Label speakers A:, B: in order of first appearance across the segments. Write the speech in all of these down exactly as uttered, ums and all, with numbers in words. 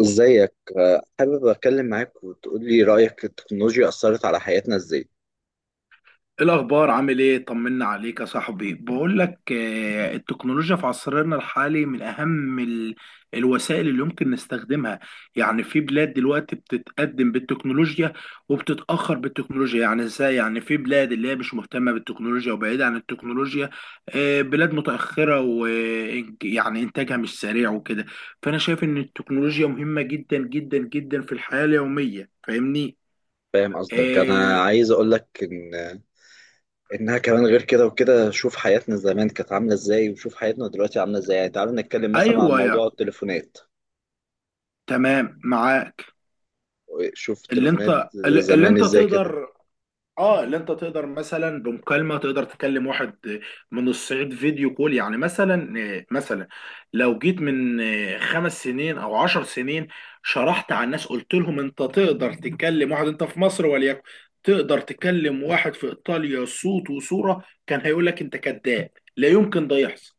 A: ازيك، آه، حابب اتكلم معاك وتقول لي رايك التكنولوجيا اثرت على حياتنا ازاي.
B: إيه الأخبار عامل إيه؟ طمنا عليك يا صاحبي، بقول لك آه، التكنولوجيا في عصرنا الحالي من أهم ال- الوسائل اللي يمكن نستخدمها، يعني في بلاد دلوقتي بتتقدم بالتكنولوجيا وبتتأخر بالتكنولوجيا، يعني إزاي؟ يعني في بلاد اللي هي مش مهتمة بالتكنولوجيا وبعيدة عن التكنولوجيا، آه، بلاد متأخرة، ويعني إنتاجها مش سريع وكده، فأنا شايف إن التكنولوجيا مهمة جدا جدا جدا في الحياة اليومية، فاهمني؟
A: فاهم قصدك. انا
B: آه،
A: عايز اقول لك ان انها كمان غير كده وكده. شوف حياتنا زمان كانت عامله ازاي وشوف حياتنا دلوقتي عامله ازاي. يعني تعال نتكلم مثلا عن
B: أيوه يا،
A: موضوع التليفونات.
B: تمام، معاك.
A: شوف
B: اللي
A: التليفونات
B: انت اللي
A: زمان
B: انت
A: ازاي كده.
B: تقدر اه اللي انت تقدر مثلا بمكالمه، تقدر تكلم واحد من الصعيد، فيديو كول، يعني مثلا مثلا لو جيت من خمس سنين او عشر سنين، شرحت على الناس، قلت لهم انت تقدر تكلم واحد، انت في مصر وليكن تقدر تكلم واحد في ايطاليا، صوت وصوره، كان هيقول لك انت كذاب، لا يمكن ده يحصل.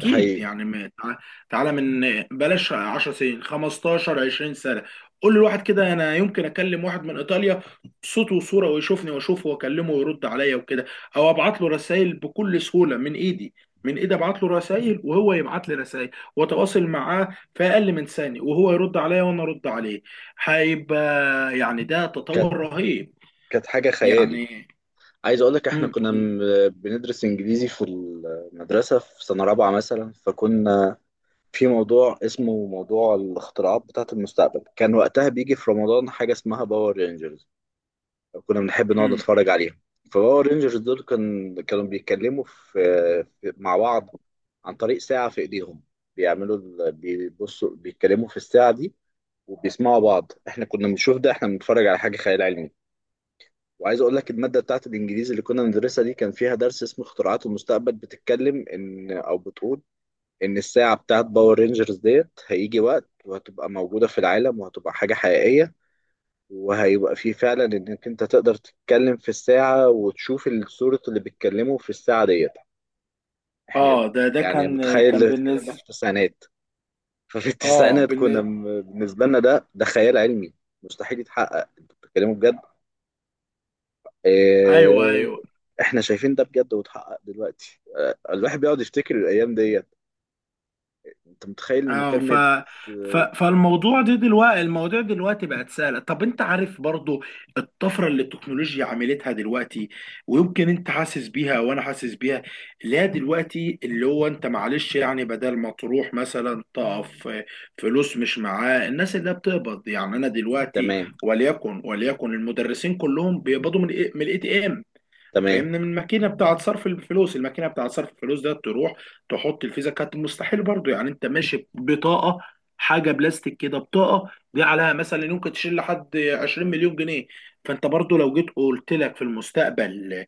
A: ده حقيقي.
B: يعني ما- تع- تعالى من بلاش 10 سنين، خمستاشر، 20 سنه، قول لواحد كده انا يمكن اكلم واحد من ايطاليا، صوت وصوره، ويشوفني واشوفه واكلمه ويرد عليا وكده، او ابعت له رسائل بكل سهوله من ايدي من ايدي ابعت له رسائل وهو يبعت لي رسائل، واتواصل معاه في اقل من ثانيه، وهو يرد عليا وانا ارد عليه، هيبقى يعني ده
A: كانت
B: تطور رهيب.
A: كانت حاجه خيال.
B: يعني
A: عايز اقول لك احنا كنا
B: امم
A: م- بندرس انجليزي في المدرسه في سنه رابعه مثلا، فكنا في موضوع اسمه موضوع الاختراعات بتاعة المستقبل. كان وقتها بيجي في رمضان حاجة اسمها باور رينجرز، كنا بنحب نقعد
B: امم
A: نتفرج عليهم. فباور رينجرز دول كان كانوا بيتكلموا في في- مع بعض عن طريق ساعة في ايديهم، بيعملوا ال- بيبصوا بيتكلموا في الساعة دي وبيسمعوا بعض. احنا كنا بنشوف ده، احنا بنتفرج على حاجة خيال علمي. وعايز اقول لك المادة بتاعت الانجليزي اللي كنا بندرسها دي كان فيها درس اسمه اختراعات المستقبل، بتتكلم ان او بتقول ان الساعة بتاعت باور رينجرز ديت هيجي وقت وهتبقى موجودة في العالم وهتبقى حاجة حقيقية، وهيبقى فيه فعلا انك انت تقدر تتكلم في الساعة وتشوف الصورة اللي بيتكلموا في الساعة ديت. احنا
B: اه ده ده
A: يعني
B: كان
A: متخيل اللي
B: كان
A: بيتكلم ده في
B: بالنسبه.
A: التسعينات؟ ففي
B: اه
A: التسعينات كنا م- بالنسبة لنا ده ده خيال علمي مستحيل يتحقق. انتوا بتتكلموا بجد؟
B: ايوه،
A: اه،
B: ايوه.
A: احنا شايفين ده بجد واتحقق دلوقتي. اه، الواحد بيقعد يفتكر الايام ديت. انت متخيل
B: اه ف...
A: مكالمة؟
B: ف
A: آه،
B: فالموضوع ده دلوقتي، المواضيع دلوقتي بقت سهله. طب انت عارف برضو الطفره اللي التكنولوجيا عملتها دلوقتي، ويمكن انت حاسس بيها وانا حاسس بيها. لا، دلوقتي اللي هو انت معلش، يعني بدل ما تروح مثلا تقف فلوس، مش معاه، الناس اللي بتقبض يعني، انا دلوقتي
A: تمام،
B: وليكن وليكن المدرسين كلهم بيقبضوا من إيه، من الاي تي ام،
A: تمام.
B: فاهمني، من الماكينه بتاعه صرف الفلوس، الماكينه بتاعه صرف الفلوس ده، تروح تحط الفيزا. كانت مستحيل برضو، يعني انت ماشي بطاقه، حاجه بلاستيك كده، بطاقه دي عليها مثلا يمكن تشيل لحد عشرين مليون جنيه مليون جنيه. فانت برضو لو جيت قلت لك في المستقبل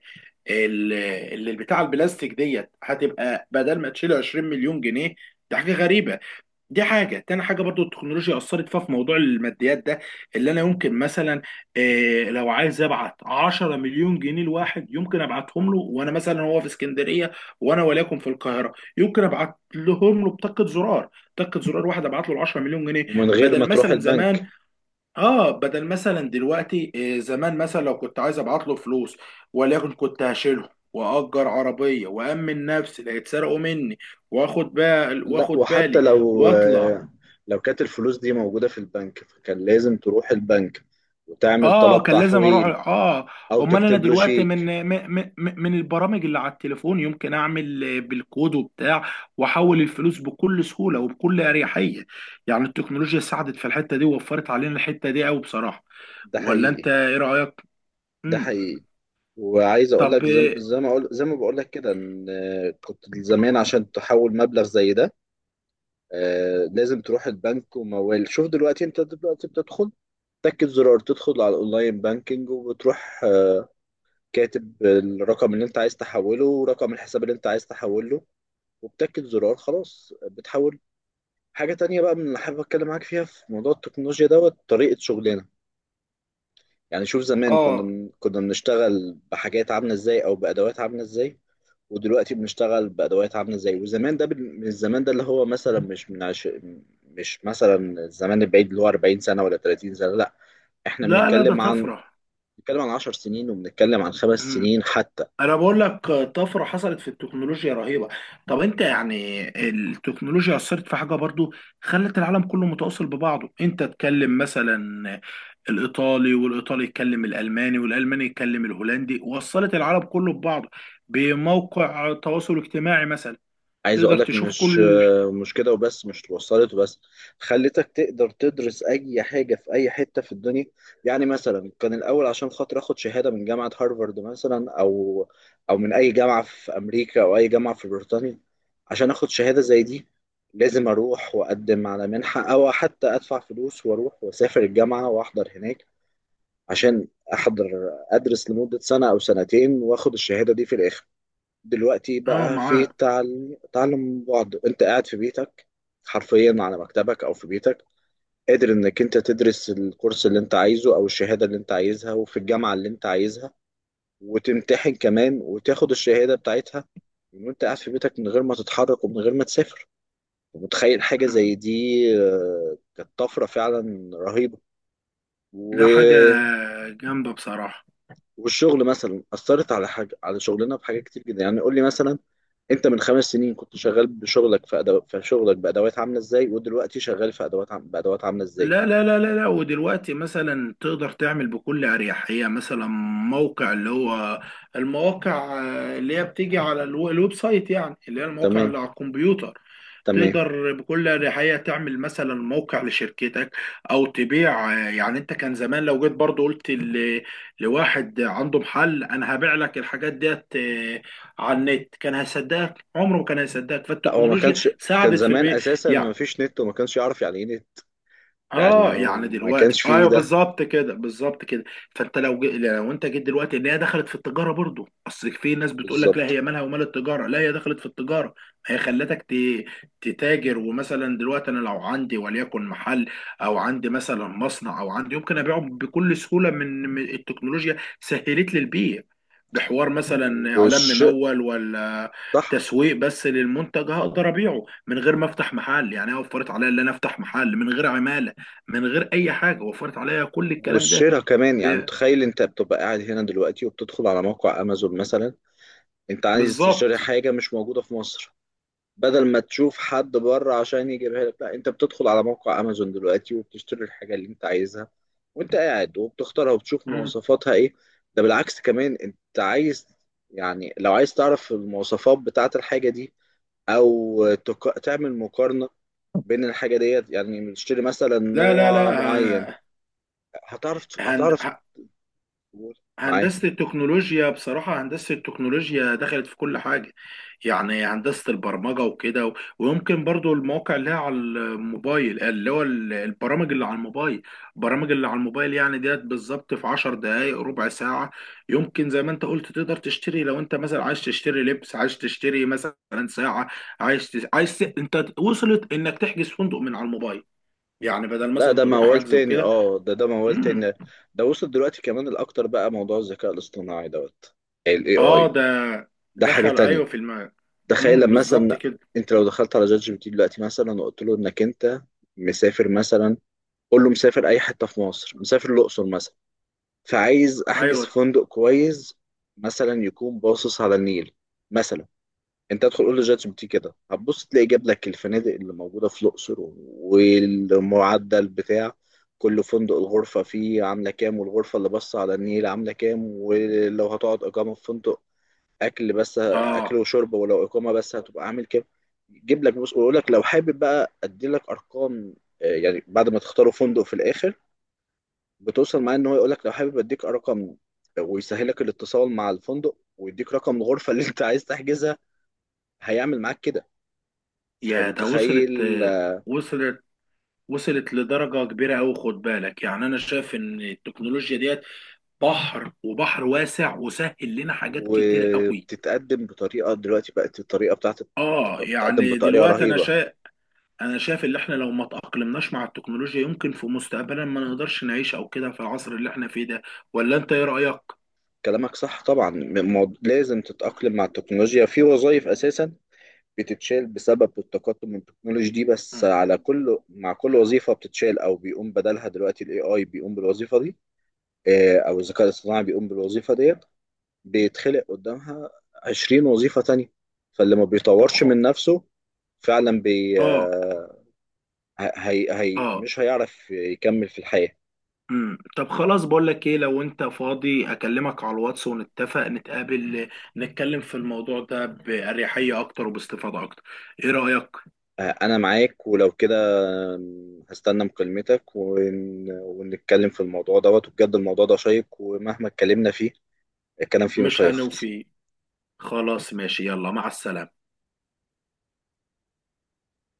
B: اللي البتاع البلاستيك ديت هتبقى بدل ما تشيل عشرين مليون جنيه مليون جنيه، ده حاجه غريبه. دي حاجة تاني، حاجة برضو التكنولوجيا أثرت فيها، في موضوع الماديات ده، اللي أنا يمكن مثلا إيه، لو عايز أبعت عشرة مليون جنيه مليون جنيه لواحد، يمكن أبعتهم له، وأنا مثلا هو في اسكندرية وأنا وليكن في القاهرة، يمكن أبعت لهم له بطاقة زرار، طاقة زرار، واحد أبعت له ال عشرة مليون جنيه مليون جنيه،
A: ومن غير ما
B: بدل
A: تروح
B: مثلا زمان.
A: البنك.
B: آه بدل مثلا دلوقتي إيه، زمان مثلا لو كنت عايز أبعت له فلوس، وليكن كنت هشيله، وأجر عربية، وأمن نفسي لا يتسرقوا مني، وآخد بال
A: لا،
B: وآخد
A: وحتى
B: بالي
A: لو
B: واطلع.
A: آه، لو كانت الفلوس دي موجودة في البنك فكان لازم تروح البنك وتعمل
B: اه،
A: طلب
B: كان لازم اروح.
A: تحويل،
B: اه
A: أو
B: امال انا
A: تكتب له
B: دلوقتي،
A: شيك.
B: من من من من البرامج اللي على التليفون، يمكن اعمل آه، بالكود وبتاع، واحول الفلوس بكل سهوله وبكل اريحيه. يعني التكنولوجيا ساعدت في الحته دي، ووفرت علينا الحته دي قوي بصراحه.
A: ده
B: ولا انت
A: حقيقي.
B: ايه رايك؟
A: ده
B: امم
A: حقيقي. وعايز أقول
B: طب،
A: لك زي
B: اه
A: زي ما أقول، زي ما بقول لك كده إن آه، كنت زمان عشان تحول مبلغ زي ده آه، لازم تروح البنك وموال. شوف دلوقتي، أنت دلوقتي بتدخل تاكد زرار، تدخل على الأونلاين بانكينج وبتروح آه، كاتب الرقم اللي انت عايز تحوله ورقم الحساب اللي انت عايز تحوله، وبتاكد زرار خلاص بتحول. حاجة تانية بقى من اللي حابب أتكلم معاك فيها في موضوع التكنولوجيا دوت، طريقة شغلنا. يعني شوف زمان كنا
B: آه،
A: من... كنا بنشتغل بحاجات عاملة إزاي أو بأدوات عاملة إزاي، ودلوقتي بنشتغل بأدوات عاملة إزاي. وزمان ده بال- من الزمان ده اللي هو مثلا مش من عش... مش مثلا الزمان البعيد اللي هو أربعين سنة ولا ثلاثين سنة، لا. إحنا
B: لا، لا، ده
A: بنتكلم عن،
B: طفره.
A: بنتكلم عن عشر سنين، وبنتكلم عن خمس سنين حتى.
B: انا بقول لك طفره حصلت في التكنولوجيا رهيبه. طب انت، يعني التكنولوجيا اثرت في حاجه برضو، خلت العالم كله متواصل ببعضه. انت تكلم مثلا الايطالي، والايطالي يتكلم الالماني، والالماني يتكلم الهولندي، وصلت العالم كله ببعضه بموقع تواصل اجتماعي مثلا،
A: عايز اقول
B: تقدر
A: لك
B: تشوف
A: مش
B: كل.
A: مش كده وبس، مش وصلت وبس، خلتك تقدر تدرس اي حاجه في اي حته في الدنيا. يعني مثلا كان الاول عشان خاطر اخد شهاده من جامعه هارفارد مثلا او او من اي جامعه في امريكا او اي جامعه في بريطانيا، عشان اخد شهاده زي دي لازم اروح واقدم على منحه، او حتى ادفع فلوس واروح واسافر الجامعه واحضر هناك، عشان احضر ادرس لمده سنه او سنتين واخد الشهاده دي في الاخر. دلوقتي
B: اه
A: بقى في
B: معاه.
A: تعل- تعلم من بعد، انت قاعد في بيتك حرفيا، على مكتبك او في بيتك قادر انك انت تدرس الكورس اللي انت عايزه او الشهادة اللي انت عايزها وفي الجامعة اللي انت عايزها، وتمتحن كمان وتاخد الشهادة بتاعتها من وانت قاعد في بيتك من غير ما تتحرك ومن غير ما تسافر. ومتخيل حاجة زي دي؟ آه، كانت طفرة فعلا رهيبة. و...
B: لا، حاجه جامده بصراحه.
A: والشغل مثلا أثرت على حاجة، على شغلنا بحاجة كتير جدا. يعني قول لي مثلا انت من خمس سنين كنت شغال بشغلك في أدو... في شغلك بادوات عامله ازاي، ودلوقتي شغال في ادوات عم... بادوات عامله ازاي.
B: لا، لا، لا، لا، لا، ودلوقتي مثلا تقدر تعمل بكل أريحية مثلا موقع، اللي هو المواقع، آه، اللي هي بتيجي على الو- الويب سايت، يعني اللي هي المواقع
A: تمام،
B: اللي على الكمبيوتر.
A: تمام.
B: تقدر بكل أريحية تعمل مثلا موقع لشركتك، أو تبيع. آه، يعني أنت كان زمان لو جيت برضو قلت ل- لواحد عنده محل، أنا هبيع لك الحاجات ديت، آه، على النت، كان هيصدقك، عمره ما كان هيصدقك.
A: لا هو ما
B: فالتكنولوجيا
A: كانش، كان
B: ساعدت في
A: زمان
B: البيع.
A: اساسا ما فيش نت وما كانش يعرف يعني ايه نت. يعني
B: اه
A: ما,
B: يعني
A: ما
B: دلوقتي،
A: كانش فيه
B: ايوه،
A: ده.
B: بالظبط كده، بالظبط كده. فانت لو جي... لو انت جيت دلوقتي، ان هي دخلت في التجاره برضو. اصل في ناس بتقول لك لا،
A: بالظبط.
B: هي مالها ومال التجاره. لا، هي دخلت في التجاره، هي خلتك ت... تتاجر. ومثلا دلوقتي، انا لو عندي وليكن محل، او عندي مثلا مصنع، او عندي، يمكن ابيعه بكل سهوله، من من التكنولوجيا سهلت لي البيع بحوار مثلا اعلان
A: والش
B: ممول، ولا
A: صح.
B: تسويق بس للمنتج، هقدر ابيعه من غير ما افتح محل. يعني هي وفرت عليا ان انا افتح محل من غير عماله، من غير اي حاجه، وفرت عليا كل الكلام ده.
A: والشراء كمان، يعني
B: ب-
A: متخيل انت بتبقى قاعد هنا دلوقتي وبتدخل على موقع امازون مثلا، انت عايز تشتري
B: بالظبط.
A: حاجه مش موجوده في مصر. بدل ما تشوف حد بره عشان يجيبها لك، لا انت بتدخل على موقع امازون دلوقتي وبتشتري الحاجه اللي انت عايزها وانت قاعد، وبتختارها وبتشوف
B: مم.
A: مواصفاتها ايه. ده بالعكس، كمان انت عايز، يعني لو عايز تعرف المواصفات بتاعه الحاجه دي او تق... تعمل مقارنه بين الحاجه ديت يعني بتشتري مثلا
B: لا، لا،
A: نوع
B: لا.
A: معين،
B: آه،
A: هتعرف
B: هند...
A: هتعرف تقول. معاك.
B: هندسة التكنولوجيا، بصراحة هندسة التكنولوجيا دخلت في كل حاجة، يعني هندسة البرمجة وكده، و- ويمكن برضو المواقع اللي هي على الموبايل، اللي هو ال- البرامج اللي على الموبايل، البرامج اللي على الموبايل، يعني ديت بالظبط في عشر دقايق، ربع ساعة، يمكن زي ما انت قلت تقدر تشتري. لو انت مثلا عايز تشتري لبس، عايز تشتري مثلا ساعة، عايز تس... عايز ت... انت وصلت انك تحجز فندق من على الموبايل، يعني بدل
A: لا
B: مثلا
A: ده
B: تروح
A: موال
B: حجز
A: تاني،
B: وكده.
A: اه ده ده موال
B: مم.
A: تاني. ده وصل دلوقتي كمان الاكتر بقى موضوع الذكاء الاصطناعي دوت، ال
B: اه
A: إيه آي.
B: ده
A: ده حاجة
B: دخل،
A: تانية.
B: ايوه، في الم...
A: تخيل
B: امم
A: لما
B: بالظبط
A: مثلا
B: كده،
A: انت لو دخلت على جات جي بي تي دلوقتي مثلا، وقلت له انك انت مسافر مثلا، قول له مسافر اي حتة في مصر، مسافر الاقصر مثلا، فعايز احجز
B: ايوه.
A: فندق كويس مثلا يكون باصص على النيل مثلا. انت ادخل قول له جات جي بي تي كده، هتبص تلاقي جاب لك الفنادق اللي موجودة في الاقصر، والمعدل بتاع كل فندق، الغرفة فيه عاملة كام، والغرفة اللي باصة على النيل عاملة كام، ولو هتقعد إقامة في فندق اكل بس، اكل
B: اه
A: وشرب، ولو اقامه بس هتبقى عامل كده. يجيب لك بص ويقول لك لو حابب بقى ادي لك ارقام. آه، يعني بعد ما تختاروا فندق في الاخر بتوصل معاه ان هو يقول لك لو حابب اديك ارقم، ويسهلك الاتصال مع الفندق ويديك رقم الغرفه اللي انت عايز تحجزها. هيعمل معاك كده.
B: يا، ده وصلت
A: فمتخيل؟
B: آه،
A: آه،
B: وصلت وصلت لدرجة كبيرة أوي، خد بالك. يعني أنا شايف إن التكنولوجيا ديت بحر، وبحر واسع، وسهل لنا حاجات كتير أوي.
A: وبتتقدم بطريقه، دلوقتي بقت الطريقه بتاعت،
B: اه
A: بتقدم
B: يعني
A: بطريقه
B: دلوقتي أنا
A: رهيبه.
B: شايف، أنا شايف إن إحنا لو ما تأقلمناش مع التكنولوجيا، يمكن في مستقبلا ما نقدرش نعيش، أو كده في العصر اللي إحنا فيه ده. ولا أنت إيه رأيك؟
A: كلامك صح طبعا. م- مو- لازم تتاقلم مع التكنولوجيا. في وظائف اساسا بتتشال بسبب التقدم من التكنولوجي دي، بس
B: مم.
A: على كل، مع كل وظيفة بتتشال أو بيقوم بدلها دلوقتي ال إيه آي بيقوم بالوظيفة دي، آه، أو الذكاء الاصطناعي بيقوم بالوظيفة ديت، بيتخلق قدامها عشرين وظيفة تانية. فاللي ما
B: طب
A: بيطورش
B: خ...
A: من نفسه فعلا بي
B: اه
A: آه، هي هي
B: اه
A: مش هيعرف يكمل في الحياة.
B: امم طب خلاص، بقول لك ايه، لو انت فاضي اكلمك على الواتس، ونتفق نتقابل، نتكلم في الموضوع ده بأريحية اكتر وباستفاضة اكتر. ايه رأيك؟
A: آه، أنا معاك ولو كده. آم، هستنى مكالمتك ون... ونتكلم في الموضوع دوت. وبجد الموضوع ده شيق، ومهما اتكلمنا فيه الكلام فيه مش
B: مش
A: هيخلص
B: هنوفي. خلاص، ماشي، يلا، مع السلامة.